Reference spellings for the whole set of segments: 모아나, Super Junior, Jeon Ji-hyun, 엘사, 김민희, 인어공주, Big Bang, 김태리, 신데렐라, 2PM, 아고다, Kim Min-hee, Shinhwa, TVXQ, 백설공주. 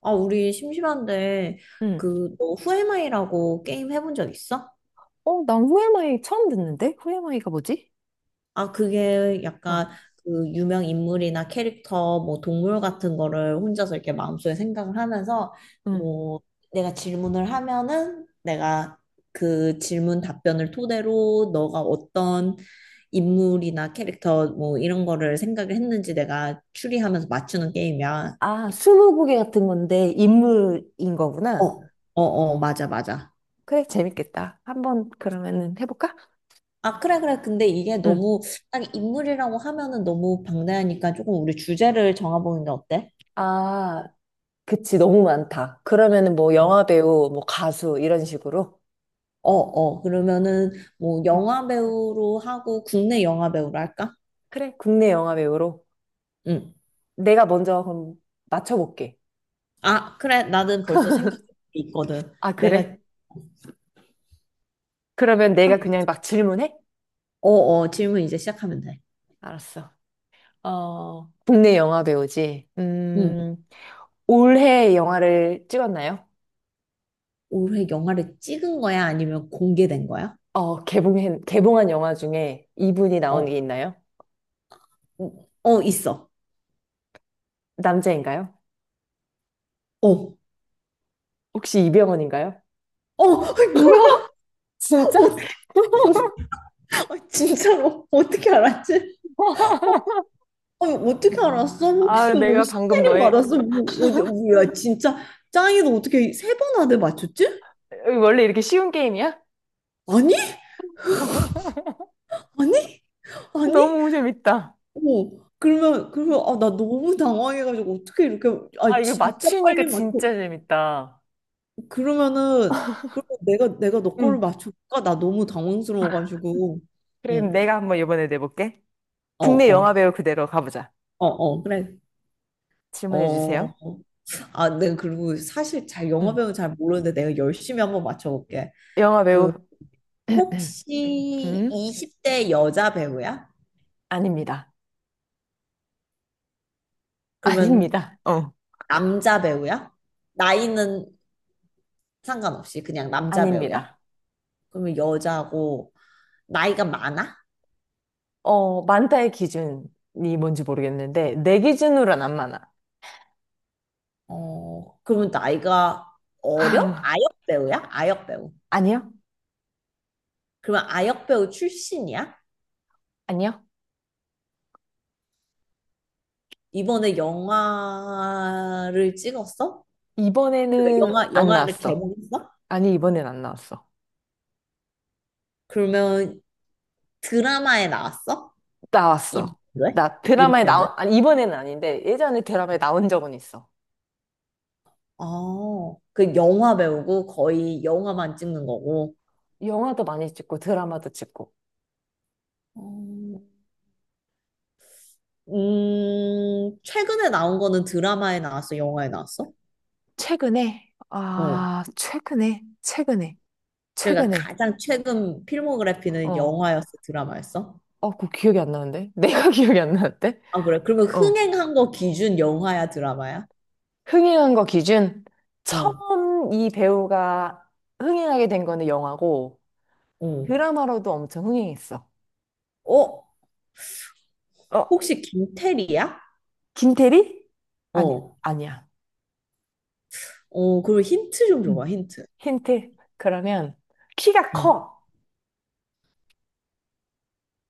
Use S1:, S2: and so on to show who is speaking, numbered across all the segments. S1: 아, 우리 심심한데,
S2: 응.
S1: 그, 너 후에마이라고 게임 해본 적 있어?
S2: 어, 난 후에마이 처음 듣는데? 후에마이가 뭐지?
S1: 아, 그게 약간
S2: 어,
S1: 그 유명 인물이나 캐릭터, 뭐 동물 같은 거를 혼자서 이렇게 마음속에 생각을 하면서,
S2: 응.
S1: 뭐, 내가 질문을 하면은 내가 그 질문 답변을 토대로 너가 어떤 인물이나 캐릭터, 뭐 이런 거를 생각을 했는지 내가 추리하면서 맞추는 게임이야.
S2: 아, 스무고개 같은 건데 인물인
S1: 어,
S2: 거구나.
S1: 어, 어, 맞아, 맞아.
S2: 그래, 재밌겠다. 한번 그러면은 해볼까?
S1: 아, 그래, 그래. 근데 이게
S2: 응.
S1: 너무 딱 인물이라고 하면은 너무 방대하니까 조금 우리 주제를 정해보는 게 어때?
S2: 아, 그치, 너무 많다. 그러면은 뭐 영화배우, 뭐 가수 이런 식으로.
S1: 어, 어. 그러면은 뭐
S2: 응.
S1: 영화 배우로 하고 국내 영화 배우로 할까?
S2: 그래, 국내 영화배우로.
S1: 응.
S2: 내가 먼저 그럼 맞춰볼게.
S1: 아, 그래. 나는 벌써 생각해 있거든.
S2: 아,
S1: 내가 하면
S2: 그래? 그러면 내가 그냥
S1: 돼.
S2: 막 질문해?
S1: 어, 어. 질문 이제 시작하면 돼.
S2: 알았어. 어, 국내 영화배우지.
S1: 응.
S2: 올해 영화를 찍었나요?
S1: 올해 영화를 찍은 거야? 아니면 공개된 거야?
S2: 어, 개봉한 영화 중에 이분이 나온 게
S1: 어.
S2: 있나요?
S1: 어, 어, 있어.
S2: 남자인가요?
S1: 어.
S2: 혹시 이병헌인가요?
S1: 어, 아이, 뭐야?
S2: 진짜?
S1: 어, 진짜로 어떻게 알았지? 어, 아니, 어떻게 알았어? 혹시
S2: 아,
S1: 뭐
S2: 내가 방금
S1: 시혜림
S2: 너의,
S1: 받았어? 뭐 어디 뭐야 진짜 짱이도 어떻게 3번 안에 맞췄지?
S2: 어, 원래 이렇게 쉬운 게임이야?
S1: 아니? 아니? 아니?
S2: 너무 재밌다.
S1: 어, 그러면 아, 나 너무 당황해가지고 어떻게 이렇게
S2: 아,
S1: 아,
S2: 이거
S1: 진짜
S2: 맞추니까
S1: 빨리 맞춰.
S2: 진짜 재밌다.
S1: 그러면은 그러면 내가 너 거를
S2: 응.
S1: 맞출까? 나 너무 당황스러워가지고.
S2: 그럼 내가 한번 이번에 내볼게.
S1: 응. 어.
S2: 국내 영화
S1: 어어어
S2: 배우 그대로 가보자.
S1: 그래.
S2: 질문해
S1: 어.
S2: 주세요.
S1: 아, 내가 그리고 사실 잘
S2: 응.
S1: 영화배우 잘 모르는데 내가 열심히 한번 맞춰볼게.
S2: 영화
S1: 그,
S2: 배우,
S1: 혹시
S2: 음?
S1: 20대 여자 배우야?
S2: 아닙니다.
S1: 그러면
S2: 아닙니다. 어.
S1: 남자 배우야? 나이는 상관없이 그냥 남자 배우야?
S2: 아닙니다.
S1: 그러면 여자고 나이가 많아?
S2: 어, 많다의 기준이 뭔지 모르겠는데, 내 기준으로는 안 많아.
S1: 어, 그러면 나이가 어려? 아역 배우야? 아역 배우.
S2: 아니요?
S1: 그러면 아역 배우 출신이야?
S2: 아니요?
S1: 이번에 영화를 찍었어? 그러니까
S2: 이번에는
S1: 영화,
S2: 안
S1: 영화를
S2: 나왔어.
S1: 개봉했어?
S2: 아니, 이번엔 안 나왔어.
S1: 그러면 드라마에 나왔어?
S2: 나왔어.
S1: 그래?
S2: 나
S1: 이번
S2: 드라마에
S1: 년도에?
S2: 나온, 아니, 이번에는 아닌데, 예전에 드라마에 나온 적은 있어.
S1: 아, 그 영화 배우고 거의 영화만 찍는 거고.
S2: 영화도 많이 찍고, 드라마도 찍고.
S1: 어, 최근에 나온 거는 드라마에 나왔어, 영화에 나왔어?
S2: 최근에,
S1: 어.
S2: 아, 최근에, 최근에,
S1: 그러니까
S2: 최근에.
S1: 가장 최근 필모그래피는
S2: 어.
S1: 영화였어, 드라마였어?
S2: 어, 그거 기억이 안 나는데? 내가 기억이 안 나는데?
S1: 아, 그래. 그러면
S2: 어.
S1: 흥행한 거 기준 영화야, 드라마야?
S2: 흥행한 거 기준?
S1: 어,
S2: 처음 이 배우가 흥행하게 된 거는 영화고,
S1: 어.
S2: 드라마로도 엄청 흥행했어.
S1: 어,
S2: 어,
S1: 혹시 김태리야?
S2: 김태리? 아니야,
S1: 어.
S2: 아니야.
S1: 어, 그리고 힌트 좀 줘봐,
S2: 음.
S1: 힌트.
S2: 힌트. 그러면, 키가
S1: 응.
S2: 커.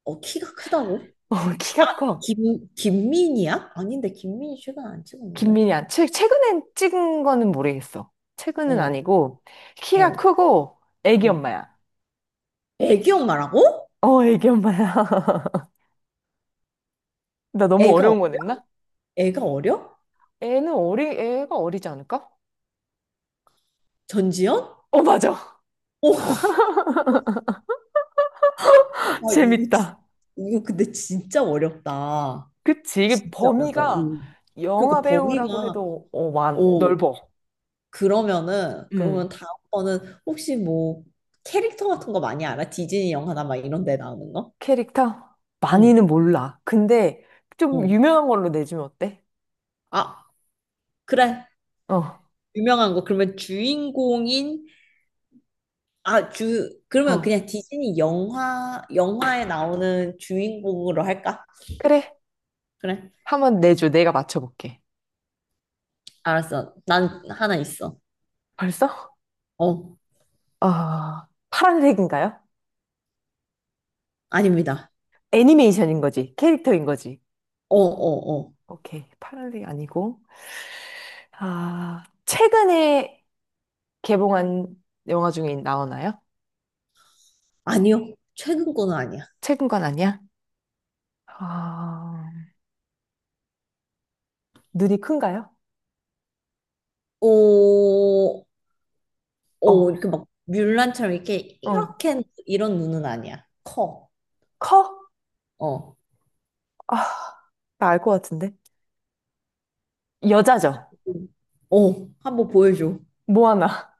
S1: 어, 키가 크다고?
S2: 어, 키가 커.
S1: 김민희야? 아닌데, 김민희 최근 안 찍었는데.
S2: 김민희 안, 최, 최근에 찍은 거는 모르겠어. 최근은
S1: 어,
S2: 아니고, 키가
S1: 어.
S2: 크고, 애기
S1: 어.
S2: 엄마야.
S1: 애기 엄마라고?
S2: 어, 애기 엄마야. 나 너무
S1: 애가 어려?
S2: 어려운 거 냈나?
S1: 애가 어려?
S2: 애는 어리, 애가 어리지 않을까?
S1: 전지현?
S2: 어, 맞아.
S1: 오. 와,
S2: 재밌다.
S1: 이거 근데 진짜 어렵다.
S2: 그치. 이게
S1: 진짜 어렵다.
S2: 범위가
S1: 음. 그러니까
S2: 영화 배우라고
S1: 범위가.
S2: 해도
S1: 오,
S2: 넓어.
S1: 그러면은
S2: 음.
S1: 그러면 다음번은 혹시 뭐 캐릭터 같은 거 많이 알아? 디즈니 영화나 막 이런 데 나오는 거?
S2: 캐릭터?
S1: 응.
S2: 많이는 몰라. 근데 좀
S1: 응.
S2: 유명한 걸로 내주면 어때?
S1: 아, 그래.
S2: 어,
S1: 유명한 거. 그러면 주인공인. 아, 주 그러면
S2: 어.
S1: 그냥 디즈니 영화에 나오는 주인공으로 할까?
S2: 그래.
S1: 그래.
S2: 한번 내줘. 내가 맞춰볼게.
S1: 알았어. 난 하나 있어.
S2: 벌써?
S1: 어,
S2: 아, 파란색인가요?
S1: 아닙니다.
S2: 애니메이션인 거지. 캐릭터인 거지.
S1: 어, 어, 어.
S2: 오케이. 파란색 아니고. 아, 최근에 개봉한 영화 중에 나오나요?
S1: 아니요. 최근 거는 아니야.
S2: 최근 건 아니야? 아, 눈이 큰가요?
S1: 오, 오,
S2: 어,
S1: 이렇게 막 뮬란처럼 이렇게
S2: 어.
S1: 이렇게 이런 눈은 아니야. 커.
S2: 커?
S1: 어.
S2: 아, 나 알 것 같은데. 여자죠?
S1: 어, 한 번 보여줘.
S2: 모아나.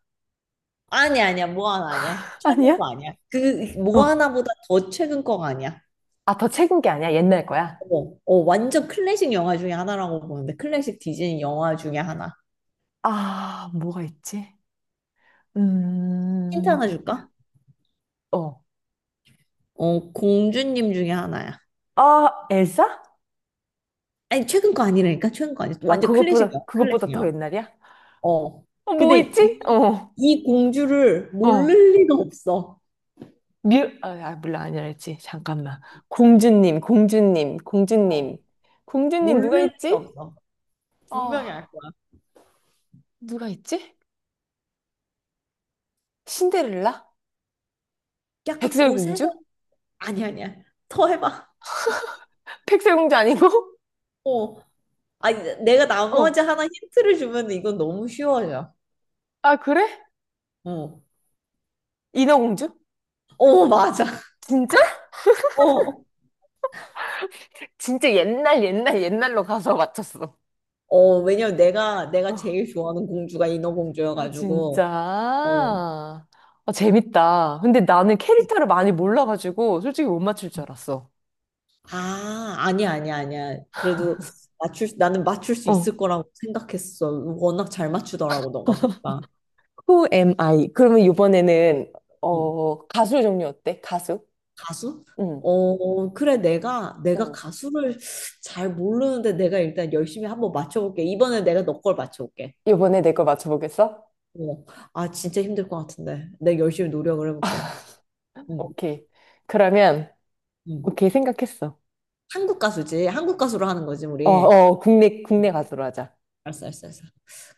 S1: 아니, 아니야. 뭐 하나 아니야. 최근
S2: 아니야?
S1: 거 아니야. 그, 뭐
S2: 어.
S1: 하나보다 더 최근 거가 아니야.
S2: 아, 더 최근 게 아니야? 옛날 거야?
S1: 어, 어, 완전 클래식 영화 중에 하나라고 보는데 클래식 디즈니 영화 중에 하나.
S2: 아, 뭐가 있지?
S1: 힌트
S2: 음,
S1: 하나 줄까?
S2: 어.
S1: 어, 공주님 중에 하나야.
S2: 아, 엘사?
S1: 아니, 최근 거 아니라니까. 최근 거 아니야.
S2: 아,
S1: 완전 클래식이야.
S2: 그것보다 더
S1: 클래식이야.
S2: 옛날이야?
S1: 어,
S2: 어, 뭐
S1: 근데 이,
S2: 있지? 어,
S1: 이 공주를
S2: 어.
S1: 모를 리가 없어.
S2: 뮤, 몰라, 아니랄지. 잠깐만. 공주님, 공주님,
S1: 어.
S2: 공주님. 공주님 누가
S1: 모를 리가
S2: 있지?
S1: 없어.
S2: 어,
S1: 분명히 알 거야.
S2: 누가 있지? 신데렐라?
S1: 약간 고세대.
S2: 백설공주?
S1: 아니, 아니야. 더 해봐.
S2: 백설공주 아니고?
S1: 어. 아니, 내가 나머지
S2: 어.
S1: 하나 힌트를 주면 이건 너무 쉬워져.
S2: 아, 그래?
S1: 어어,
S2: 인어공주?
S1: 맞아.
S2: 진짜?
S1: 어.
S2: 진짜 옛날, 옛날, 옛날로 가서 맞췄어.
S1: 어. 왜냐면 내가
S2: 어.
S1: 제일 좋아하는 공주가
S2: 아,
S1: 인어공주여가지고.
S2: 진짜?
S1: 어.
S2: 아, 재밌다. 근데 나는 캐릭터를 많이 몰라가지고 솔직히 못 맞출 줄 알았어.
S1: 아, 아니야, 아니야, 아니야. 그래도 나는 맞출 수
S2: 어,
S1: 있을 거라고 생각했어. 워낙 잘 맞추더라고, 너가 보니까.
S2: Who am I? 그러면 이번에는
S1: 응.
S2: 어, 가수 종류 어때? 가수?
S1: 가수?
S2: 응.
S1: 어, 그래, 내가
S2: 응.
S1: 가수를 잘 모르는데 내가 일단 열심히 한번 맞춰볼게. 이번에 내가 너 걸 맞춰볼게.
S2: 이번에 내 거 맞춰보겠어?
S1: 어, 아, 진짜 힘들 것 같은데. 내가 열심히 노력을 해볼게. 응,
S2: 오케이. 그러면
S1: 응.
S2: 오케이 생각했어.
S1: 한국 가수지. 한국 가수로 하는 거지,
S2: 어,
S1: 우리.
S2: 어, 국내 가수로 하자.
S1: 알았어, 알았어, 알았어.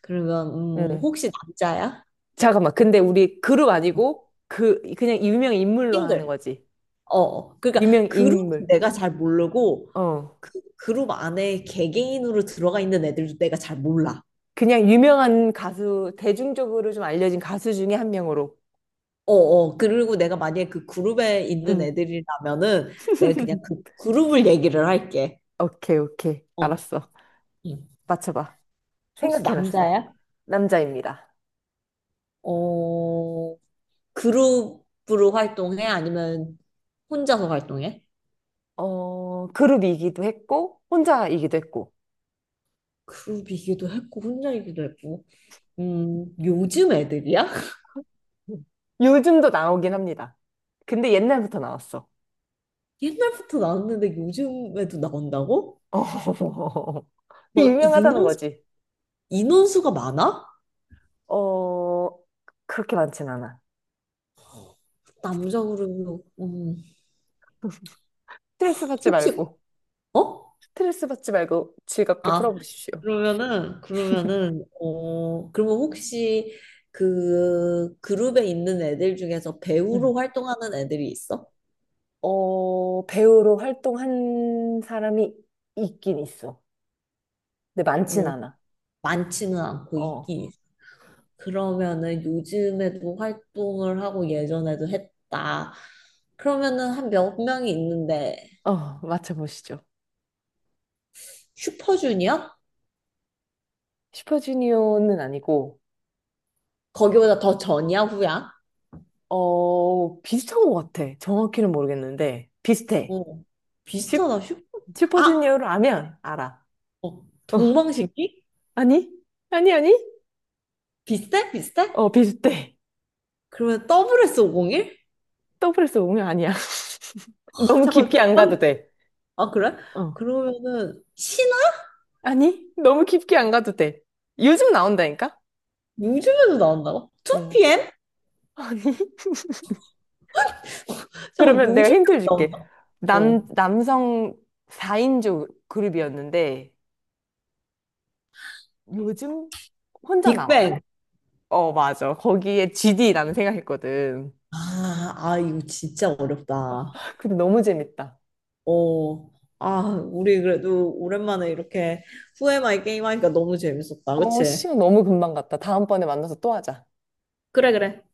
S1: 그러면,
S2: 응.
S1: 혹시 남자야?
S2: 잠깐만. 근데 우리 그룹
S1: 어,
S2: 아니고 그 그냥 유명 인물로 하는
S1: 싱글.
S2: 거지.
S1: 어, 어. 그러니까
S2: 유명
S1: 그룹
S2: 인물.
S1: 내가 잘 모르고
S2: 어.
S1: 그 그룹 안에 개개인으로 들어가 있는 애들도 내가 잘 몰라.
S2: 그냥 유명한 가수, 대중적으로 좀 알려진 가수 중에 한 명으로.
S1: 어, 어. 그리고 내가 만약에 그 그룹에 있는
S2: 응.
S1: 애들이라면은 내가 그냥 그 그룹을 얘기를 할게.
S2: 오케이, 오케이.
S1: 어.
S2: 알았어.
S1: 응.
S2: 맞춰봐.
S1: 혹시
S2: 생각해놨어.
S1: 남자야?
S2: 남자입니다.
S1: 어, 그룹으로 활동해? 아니면 혼자서 활동해?
S2: 어, 그룹이기도 했고, 혼자이기도 했고.
S1: 그룹이기도 했고 혼자이기도 했고. 요즘 애들이야?
S2: 음. 요즘도 나오긴 합니다. 근데 옛날부터 나왔어.
S1: 옛날부터 나왔는데 요즘에도 나온다고?
S2: 어, 그
S1: 막
S2: 유명하다는
S1: 인원
S2: 거지.
S1: 인원수가 많아?
S2: 어, 그렇게 많진 않아.
S1: 남자 그룹이. 음,
S2: 스트레스 받지
S1: 혹시.
S2: 말고,
S1: 어?
S2: 스트레스 받지 말고 즐겁게
S1: 아,
S2: 풀어보십시오.
S1: 그러면은 어, 그러면 혹시 그 그룹에 있는 애들 중에서 배우로
S2: 음,
S1: 활동하는 애들이 있어?
S2: 어, 배우로 활동한 사람이 있긴 있어. 근데 많진
S1: 어.
S2: 않아.
S1: 많지는 않고
S2: 어,
S1: 있긴 있어. 그러면은 요즘에도 활동을 하고 예전에도 했다. 그러면은 한 몇 명이 있는데.
S2: 어, 맞춰보시죠.
S1: 슈퍼주니어?
S2: 슈퍼주니어는 아니고,
S1: 거기보다 더 전이야 후야?
S2: 어, 비슷한 것 같아. 정확히는 모르겠는데, 비슷해.
S1: 어,
S2: 슈,
S1: 비슷하다 슈퍼. 아,
S2: 슈퍼주니어를 아면 알아.
S1: 어,
S2: 어,
S1: 동방신기?
S2: 아니? 아니?
S1: 비슷해? 비슷해?
S2: 어, 비슷해.
S1: 그러면 WS501?
S2: 더블에서 오면 아니야.
S1: 아,
S2: 너무
S1: 잠깐만,
S2: 깊게 안 가도 돼.
S1: 아, 그래?
S2: 어.
S1: 그러면은, 신화?
S2: 아니, 너무 깊게 안 가도 돼. 요즘 나온다니까?
S1: 요즘에도 나온다고?
S2: 어.
S1: 2PM?
S2: 아니.
S1: 잠깐만,
S2: 그러면 내가
S1: 요즘에도
S2: 힌트를 줄게.
S1: 나온다. 어,
S2: 남성 4인조 그룹이었는데, 요즘 혼자 나와.
S1: 빅뱅.
S2: 어, 맞아. 거기에 GD라는 생각했거든.
S1: 아, 아, 이거 진짜 어렵다.
S2: 근데 너무 재밌다.
S1: 어, 아, 우리 그래도 오랜만에 이렇게 후에 마이 게임 하니까 너무 재밌었다.
S2: 어,
S1: 그치?
S2: 시간 너무 금방 갔다. 다음번에 만나서 또 하자.
S1: 그래, 그래.